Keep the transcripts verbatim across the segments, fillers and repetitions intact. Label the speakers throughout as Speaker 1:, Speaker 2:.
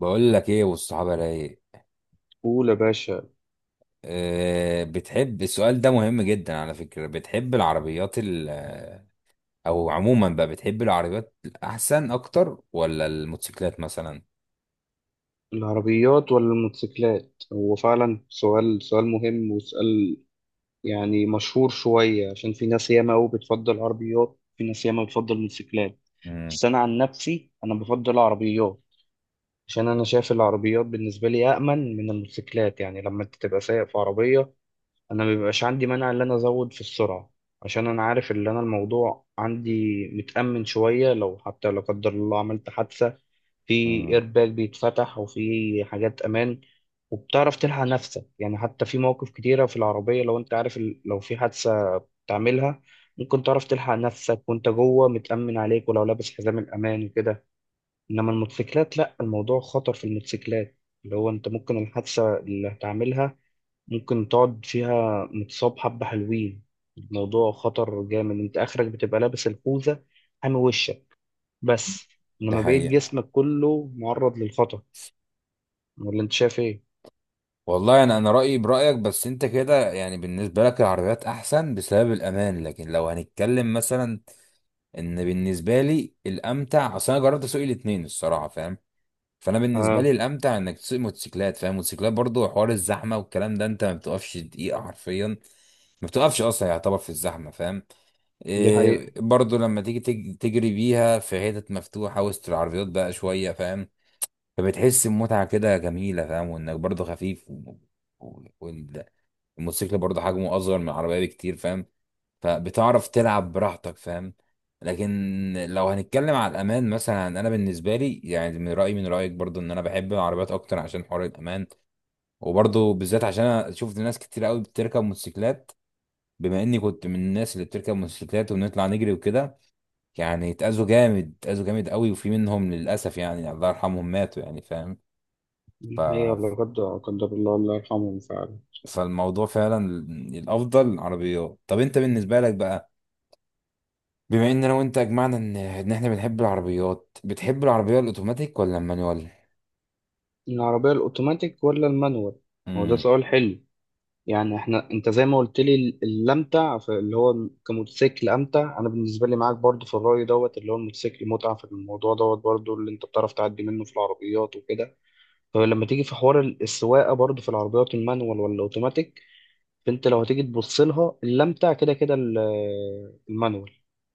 Speaker 1: بقول لك ايه والصحابه رايق.
Speaker 2: قول يا باشا.
Speaker 1: أه، بتحب السؤال ده مهم جدا على فكره، بتحب العربيات ال او عموما بقى، بتحب العربيات احسن اكتر ولا الموتوسيكلات مثلا؟
Speaker 2: العربيات ولا الموتوسيكلات، هو فعلا سؤال سؤال مهم، وسؤال يعني مشهور شوية، عشان في ناس ياما أوي بتفضل العربيات، في ناس ياما بتفضل الموتوسيكلات.
Speaker 1: امم
Speaker 2: بس أنا عن نفسي أنا بفضل العربيات، عشان أنا شايف العربيات بالنسبة لي أأمن من الموتوسيكلات. يعني لما أنت تبقى سايق في عربية، أنا مبيبقاش عندي مانع إن أنا أزود في السرعة، عشان أنا عارف إن أنا الموضوع عندي متأمن شوية. لو حتى لا قدر الله عملت حادثة، في
Speaker 1: امم
Speaker 2: ايرباك بيتفتح، وفي حاجات امان، وبتعرف تلحق نفسك. يعني حتى في مواقف كتيرة في العربية، لو انت عارف ال- لو في حادثة تعملها، ممكن تعرف تلحق نفسك، وانت جوه متأمن عليك، ولو لابس حزام الأمان وكده. انما الموتوسيكلات لا، الموضوع خطر في الموتوسيكلات، اللي هو انت ممكن الحادثة اللي هتعملها، ممكن تقعد فيها متصاب حبة حلوين. الموضوع خطر جامد، انت اخرك بتبقى لابس الخوذة حامي وشك بس،
Speaker 1: ده
Speaker 2: انما بقية
Speaker 1: حقيقة.
Speaker 2: جسمك كله معرض للخطر. ولا انت شايف ايه؟
Speaker 1: والله انا انا رايي برايك، بس انت كده يعني بالنسبه لك العربيات احسن بسبب الامان، لكن لو هنتكلم مثلا ان بالنسبه لي الامتع، اصل انا جربت اسوق الاثنين الصراحه فاهم. فانا بالنسبه
Speaker 2: اه،
Speaker 1: لي الامتع انك تسوق موتوسيكلات فاهم، موتوسيكلات برضو حوار الزحمه والكلام ده، انت ما بتقفش دقيقه حرفيا، ما بتقفش اصلا يعتبر في الزحمه فاهم.
Speaker 2: دي
Speaker 1: إيه
Speaker 2: حقيقة.
Speaker 1: برضو لما تيجي تج- تجري بيها في حتت مفتوحه وسط العربيات بقى شويه فاهم. فبتحس بمتعه كده جميله فاهم، وانك برضو خفيف و... و... الموتوسيكل برضه حجمه اصغر من العربيه بكتير فاهم، فبتعرف تلعب براحتك فاهم. لكن لو هنتكلم على الامان مثلا انا بالنسبه لي يعني من رايي من رايك برضه ان انا بحب العربيات اكتر عشان حوار الامان، وبرضه بالذات عشان انا شفت ناس كتير قوي بتركب موتوسيكلات، بما اني كنت من الناس اللي بتركب موتوسيكلات وبنطلع نجري وكده، يعني اتأذوا جامد، اتأذوا جامد قوي، وفي منهم للاسف يعني الله يرحمهم ماتوا يعني فاهم.
Speaker 2: دي
Speaker 1: ف
Speaker 2: حقيقة، ولا قدر قدر الله، الله يرحمهم فعلا.
Speaker 1: فالموضوع فعلا الافضل العربيات. طب انت بالنسبه لك بقى، بما ان انا وانت اجمعنا ان ان احنا بنحب العربيات، بتحب العربيه الاوتوماتيك ولا المانيوال؟
Speaker 2: العربية الأوتوماتيك ولا المانوال؟ هو ده
Speaker 1: امم
Speaker 2: سؤال حلو. يعني احنا انت زي ما قلت لي، ال- الأمتع في- اللي هو كموتوسيكل أمتع. أنا بالنسبة لي معاك برضو في الرأي دوت، اللي هو الموتوسيكل متعة في الموضوع دوت، برضو اللي انت بتعرف تعدي منه في العربيات وكده. فلما تيجي في حوار ال- السواقة برضو في العربيات، المانوال ولا الأوتوماتيك؟ فانت لو هتيجي تبص لها، الأمتع كده كده ال- المانوال.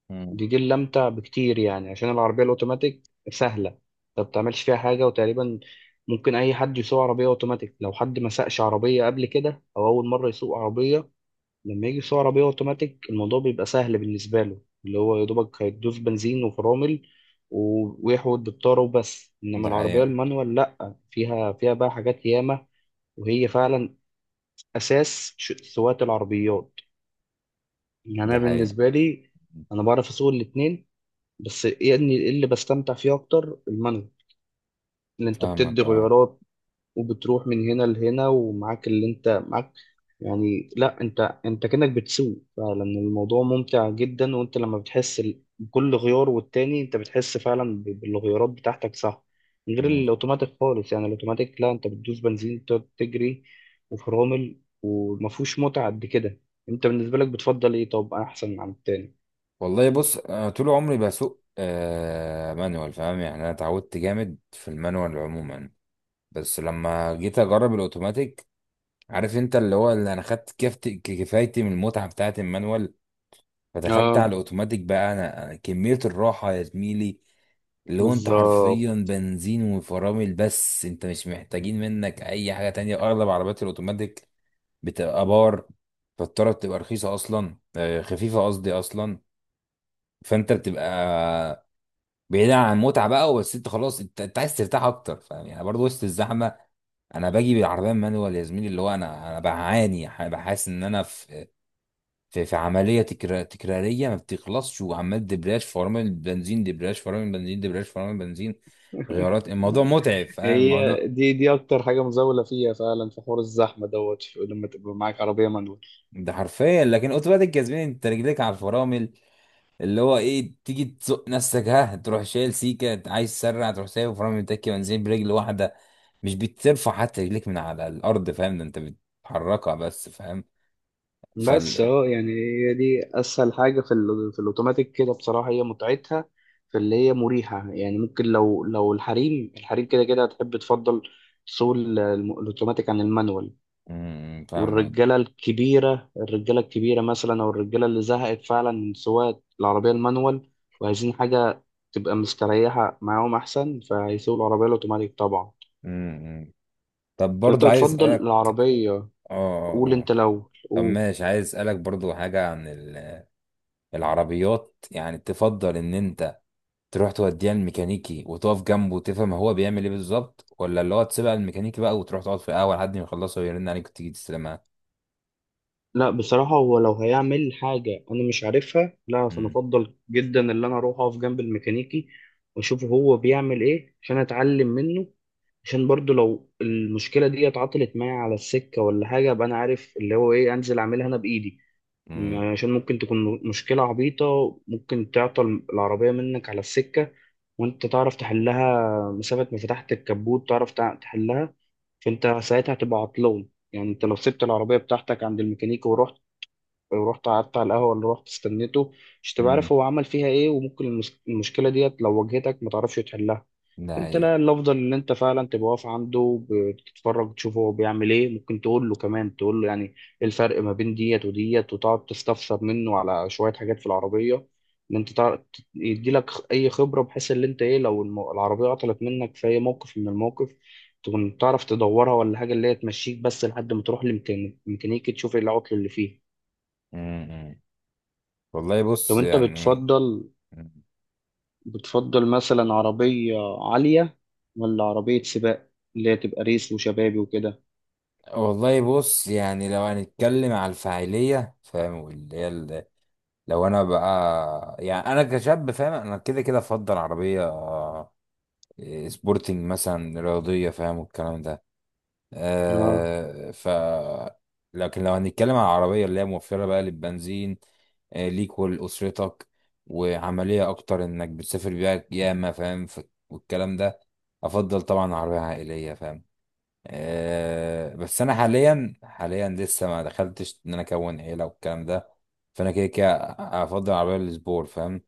Speaker 1: امم
Speaker 2: دي دي اللي امتع بكتير، يعني عشان العربيه الاوتوماتيك سهله، انت ما بتعملش فيها حاجه. وتقريبا ممكن اي حد يسوق عربيه اوتوماتيك، لو حد ما سقش عربيه قبل كده، او اول مره يسوق عربيه، لما يجي يسوق عربيه اوتوماتيك، الموضوع بيبقى سهل بالنسبه له، اللي هو يا دوبك هيدوس بنزين وفرامل و- ويحود بالطاره وبس. انما
Speaker 1: ده
Speaker 2: العربيه
Speaker 1: حقيقة.
Speaker 2: المانوال لا، فيها فيها بقى حاجات ياما، وهي فعلا اساس ش- سواقه العربيات. يعني انا
Speaker 1: ده حقيقة.
Speaker 2: بالنسبه لي، انا بعرف اسوق الاتنين، بس يعني اللي بستمتع فيه اكتر المانجا، اللي انت بتدي
Speaker 1: فاهمك اه.
Speaker 2: غيارات، وبتروح من هنا لهنا ومعاك اللي انت معاك. يعني لا، انت انت كأنك بتسوق فعلا، الموضوع ممتع جدا. وانت لما بتحس ال- بكل غيار والتاني، انت بتحس فعلا ب- بالغيارات بتاعتك، صح؟ من غير
Speaker 1: امم
Speaker 2: الاوتوماتيك خالص. يعني الاوتوماتيك لا، انت بتدوس بنزين تقعد تجري وفرامل، ومفهوش متعة قد كده. انت بالنسبة لك بتفضل ايه؟ طب، احسن عن التاني؟
Speaker 1: والله بص، أنا طول عمري بسوق آه مانوال فاهم، يعني انا اتعودت جامد في المانوال عموما. بس لما جيت اجرب الاوتوماتيك، عارف انت اللي هو اللي انا خدت كفت- كفايتي من المتعه بتاعت المانوال، فدخلت على
Speaker 2: اه.
Speaker 1: الاوتوماتيك بقى، انا أنا كمية الراحة يا زميلي، اللي هو انت
Speaker 2: بالظبط.
Speaker 1: حرفيا بنزين وفرامل بس، انت مش محتاجين منك اي حاجة تانية. اغلب عربيات الاوتوماتيك بتبقى بار، فالطرة بتبقى رخيصة اصلا آه، خفيفة قصدي اصلا. فانت بتبقى بعيد عن المتعة بقى، بس انت خلاص انت, انت عايز ترتاح اكتر فاهم، يعني برضه وسط الزحمة انا باجي بالعربية مانوال يا زميلي، اللي هو انا انا بعاني ح- بحس ان انا في في في عمليه تكرا- تكراريه ما بتخلصش، وعمال دبرياج فرامل بنزين، دبرياج فرامل بنزين، دبرياج فرامل بنزين، غيارات. الموضوع متعب فاهم
Speaker 2: هي
Speaker 1: الموضوع،
Speaker 2: دي دي اكتر حاجه مزاوله فيها فعلا، في حوار الزحمه دوت في- لما تبقى معاك عربيه مانوال.
Speaker 1: ده حرفيا. لكن اوتوماتيك كسبان، انت رجليك على الفرامل، اللي هو ايه تيجي تزق نفسك ها تروح شايل سيكه، عايز تسرع تروح سايب فرامل تكي بنزين برجل واحده، مش بترفع حتى رجليك من على الارض فاهم، ده انت بتحركها بس فاهم.
Speaker 2: بس
Speaker 1: فال
Speaker 2: اه، يعني هي دي اسهل حاجه في ال- في الاوتوماتيك كده بصراحه، هي متعتها في اللي هي مريحه. يعني ممكن لو لو الحريم الحريم كده كده هتحب تفضل سوق ال- الم- الاوتوماتيك عن المانوال.
Speaker 1: امم، فاهمك.
Speaker 2: والرجاله الكبيره، الرجاله الكبيره مثلا، او الرجاله اللي زهقت فعلا من سواقه العربيه المانوال، وعايزين حاجه تبقى مستريحه معاهم احسن، فهيسوقوا العربيه الاوتوماتيك طبعا.
Speaker 1: امم. طب
Speaker 2: طب انت
Speaker 1: برضه عايز
Speaker 2: بتفضل
Speaker 1: اسالك.
Speaker 2: العربية؟
Speaker 1: اه اه
Speaker 2: قول
Speaker 1: آه.
Speaker 2: انت، لو
Speaker 1: طب
Speaker 2: قول.
Speaker 1: ماشي، عايز اسالك برضو حاجه عن ال- العربيات، يعني تفضل ان انت تروح توديها الميكانيكي وتقف جنبه وتفهم هو بيعمل ايه بالظبط، ولا اللي هو تسيبها الميكانيكي بقى وتروح تقعد في القهوه لحد ما يخلصها ويرن عليك وتيجي تستلمها؟
Speaker 2: لا بصراحة، هو لو هيعمل حاجة انا مش عارفها، لا فانا
Speaker 1: امم
Speaker 2: افضل جدا اللي انا اروح اقف جنب الميكانيكي، واشوف هو بيعمل ايه عشان اتعلم منه. عشان برضو لو المشكلة دي اتعطلت معايا على السكة ولا حاجة، ابقى انا عارف اللي هو ايه، انزل اعملها انا بايدي.
Speaker 1: امم
Speaker 2: عشان ممكن تكون مشكلة عبيطة، ممكن تعطل العربية منك على السكة، وانت تعرف تحلها، مسافة ما فتحت الكبوت تعرف تع- تحلها. فانت ساعتها هتبقى عطلان. يعني انت لو سبت العربية بتاعتك عند الميكانيكي ورحت ورحت قعدت على القهوة اللي رحت استنيته، مش تبقى عارف
Speaker 1: امم
Speaker 2: هو عمل فيها ايه، وممكن المس- المشكلة ديت لو واجهتك ما تعرفش تحلها.
Speaker 1: ده
Speaker 2: انت
Speaker 1: هي.
Speaker 2: لا، الافضل ان انت فعلا تبقى واقف عنده بتتفرج، تشوفه هو بيعمل ايه. ممكن تقول له كمان، تقول له يعني ايه الفرق ما بين ديت وديت، وتقعد تستفسر منه على شويه حاجات في العربيه، ان انت تعرف، يدي لك اي خبره، بحيث ان انت ايه، لو الم- العربيه عطلت منك في اي موقف من الموقف، تكون تعرف تدورها ولا حاجه اللي هي تمشيك بس، لحد ما تروح لميكانيكي تشوف ايه العطل اللي فيه.
Speaker 1: امم والله
Speaker 2: طب
Speaker 1: بص
Speaker 2: انت
Speaker 1: يعني
Speaker 2: بتفضل
Speaker 1: مم.
Speaker 2: بتفضل مثلا عربيه عاليه، ولا عربيه سباق اللي هي تبقى ريس وشبابي وكده؟
Speaker 1: والله بص يعني، لو هنتكلم على الفاعليه فاهم واللي هي ال- لو انا بقى يعني انا كشاب فاهم، انا كده كده افضل عربيه إيه، سبورتنج مثلا، رياضية فاهم والكلام ده
Speaker 2: اه.
Speaker 1: آه. ف لكن لو هنتكلم على العربية اللي هي موفرة بقى للبنزين آه، ليك ولأسرتك، وعملية أكتر إنك بتسافر بيها ياما فاهم، ف- والكلام ده، أفضل طبعا عربية عائلية فاهم. آه، بس أنا حاليا حاليا لسه ما دخلتش إن أنا أكون عيلة والكلام ده، فأنا كده كده أفضل عربية للسبور فاهم،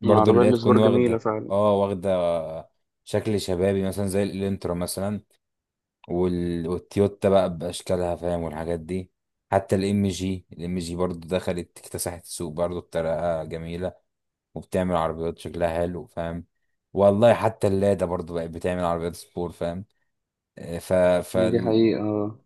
Speaker 1: برضو
Speaker 2: العربية
Speaker 1: اللي هي تكون
Speaker 2: السبور جميلة
Speaker 1: واخدة.
Speaker 2: فعلا.
Speaker 1: اه واخدة شكل شبابي مثلا، زي الانترا مثلا وال... والتويوتا بقى بأشكالها فاهم والحاجات دي. حتى الام جي، الام جي برضو دخلت اكتسحت السوق برضو بطريقة جميلة، وبتعمل عربيات شكلها حلو فاهم. والله حتى اللادا برضو بقت بتعمل عربيات سبور فاهم. آه، ف...
Speaker 2: هي دي حقيقة آه.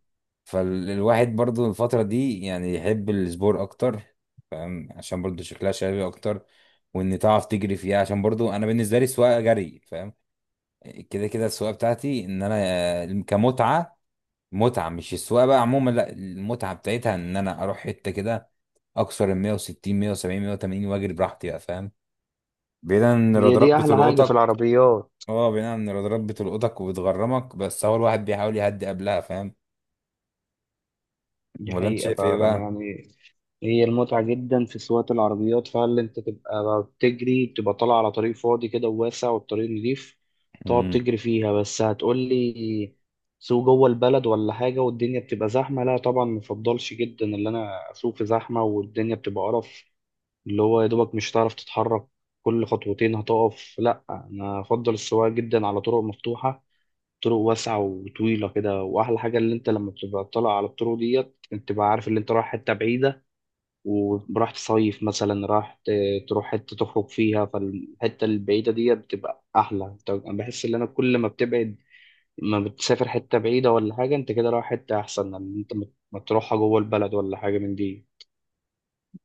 Speaker 1: فالواحد برضو الفترة دي يعني يحب السبور أكتر فاهم، عشان برضو شكلها شبابي أكتر، وإن تعرف تجري فيها عشان برضو أنا بالنسبة لي السواقة جري فاهم. كده كده السواقة بتاعتي إن أنا آه، كمتعة، متعة، مش السواقة بقى عموما، لا، المتعة بتاعتها إن أنا أروح حتة كده أكثر ال مية وستين مية وسبعين مية وتمانين وأجري براحتي بقى فاهم، بعيدا إن
Speaker 2: هي
Speaker 1: الرادارات
Speaker 2: دي أحلى حاجة في
Speaker 1: بتلقطك.
Speaker 2: العربيات.
Speaker 1: اه بعيدا إن الرادارات بتلقطك وبتغرمك، بس هو الواحد بيحاول يهدي قبلها فاهم.
Speaker 2: دي
Speaker 1: ولا أنت
Speaker 2: حقيقة
Speaker 1: شايف إيه
Speaker 2: فعلا،
Speaker 1: بقى؟
Speaker 2: يعني هي المتعة جدا في سواقة العربيات فعلا، أنت تبقى بتجري، بتبقى طالع على طريق فاضي كده وواسع، والطريق نضيف، تقعد تجري فيها بس. هتقولي سوق جوه البلد ولا حاجة والدنيا بتبقى زحمة؟ لا طبعا، مفضلش جدا اللي أنا أسوق في زحمة والدنيا بتبقى قرف، اللي هو يا دوبك مش هتعرف تتحرك، كل خطوتين هتقف. لا انا افضل السواقه جدا على طرق مفتوحه، طرق واسعه وطويله كده. واحلى حاجه اللي انت لما بتبقى طالع على الطرق ديت، انت بقى عارف اللي انت رايح حته بعيده، وراح تصيف مثلا، راح ت- تروح حته تخرج فيها، فالحته البعيده ديت بتبقى احلى. انت انا بحس ان انا كل ما بتبعد، ما بتسافر حته بعيده ولا حاجه، انت كده رايح حته احسن من إن انت ما ما تروحها جوه البلد ولا حاجه من دي.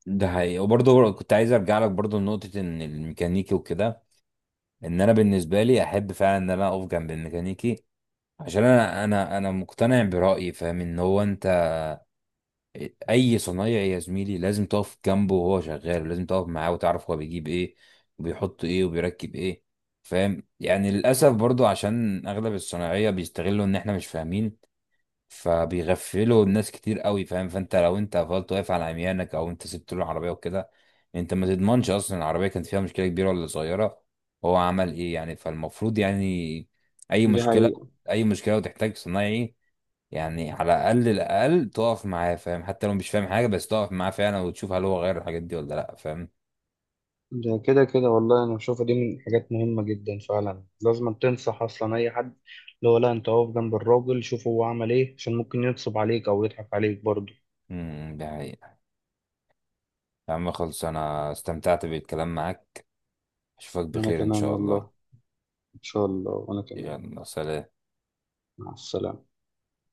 Speaker 1: ده حقيقي. وبرضه كنت عايز ارجع لك برضه لنقطة ان الميكانيكي وكده، ان انا بالنسبة لي احب فعلا ان انا اقف جنب الميكانيكي، عشان انا انا انا مقتنع برأيي فاهم ان هو انت اي صنايعي يا زميلي لازم تقف جنبه وهو شغال، ولازم تقف معاه وتعرف هو بيجيب ايه وبيحط ايه وبيركب ايه فاهم. يعني للاسف برضه عشان اغلب الصناعية بيستغلوا ان احنا مش فاهمين، فبيغفلوا الناس كتير قوي فاهم. فانت لو انت فضلت واقف على عميانك او انت سبت له العربيه وكده، انت ما تضمنش اصلا العربيه كانت فيها مشكله كبيره ولا صغيره، هو عمل ايه يعني. فالمفروض يعني اي
Speaker 2: دي
Speaker 1: مشكله،
Speaker 2: حقيقة.
Speaker 1: اي مشكله وتحتاج صنايعي، يعني على الاقل الاقل تقف معاه فاهم، حتى لو مش فاهم حاجه بس تقف معاه فعلا وتشوف هل هو غير الحاجات دي ولا لا فاهم.
Speaker 2: ده كده كده والله انا بشوفها دي من الحاجات مهمه جدا فعلا، لازم تنصح اصلا اي حد، اللي هو لا، انت اقف جنب الراجل شوف هو عمل ايه، عشان ممكن ينصب عليك او يضحك عليك برضه.
Speaker 1: امم ده حقيقة. يا عم خلص، انا استمتعت بالكلام معاك، اشوفك
Speaker 2: انا
Speaker 1: بخير ان
Speaker 2: كمان
Speaker 1: شاء الله.
Speaker 2: والله. ان شاء الله، وانا كمان.
Speaker 1: يلا سلام
Speaker 2: مع السلامه.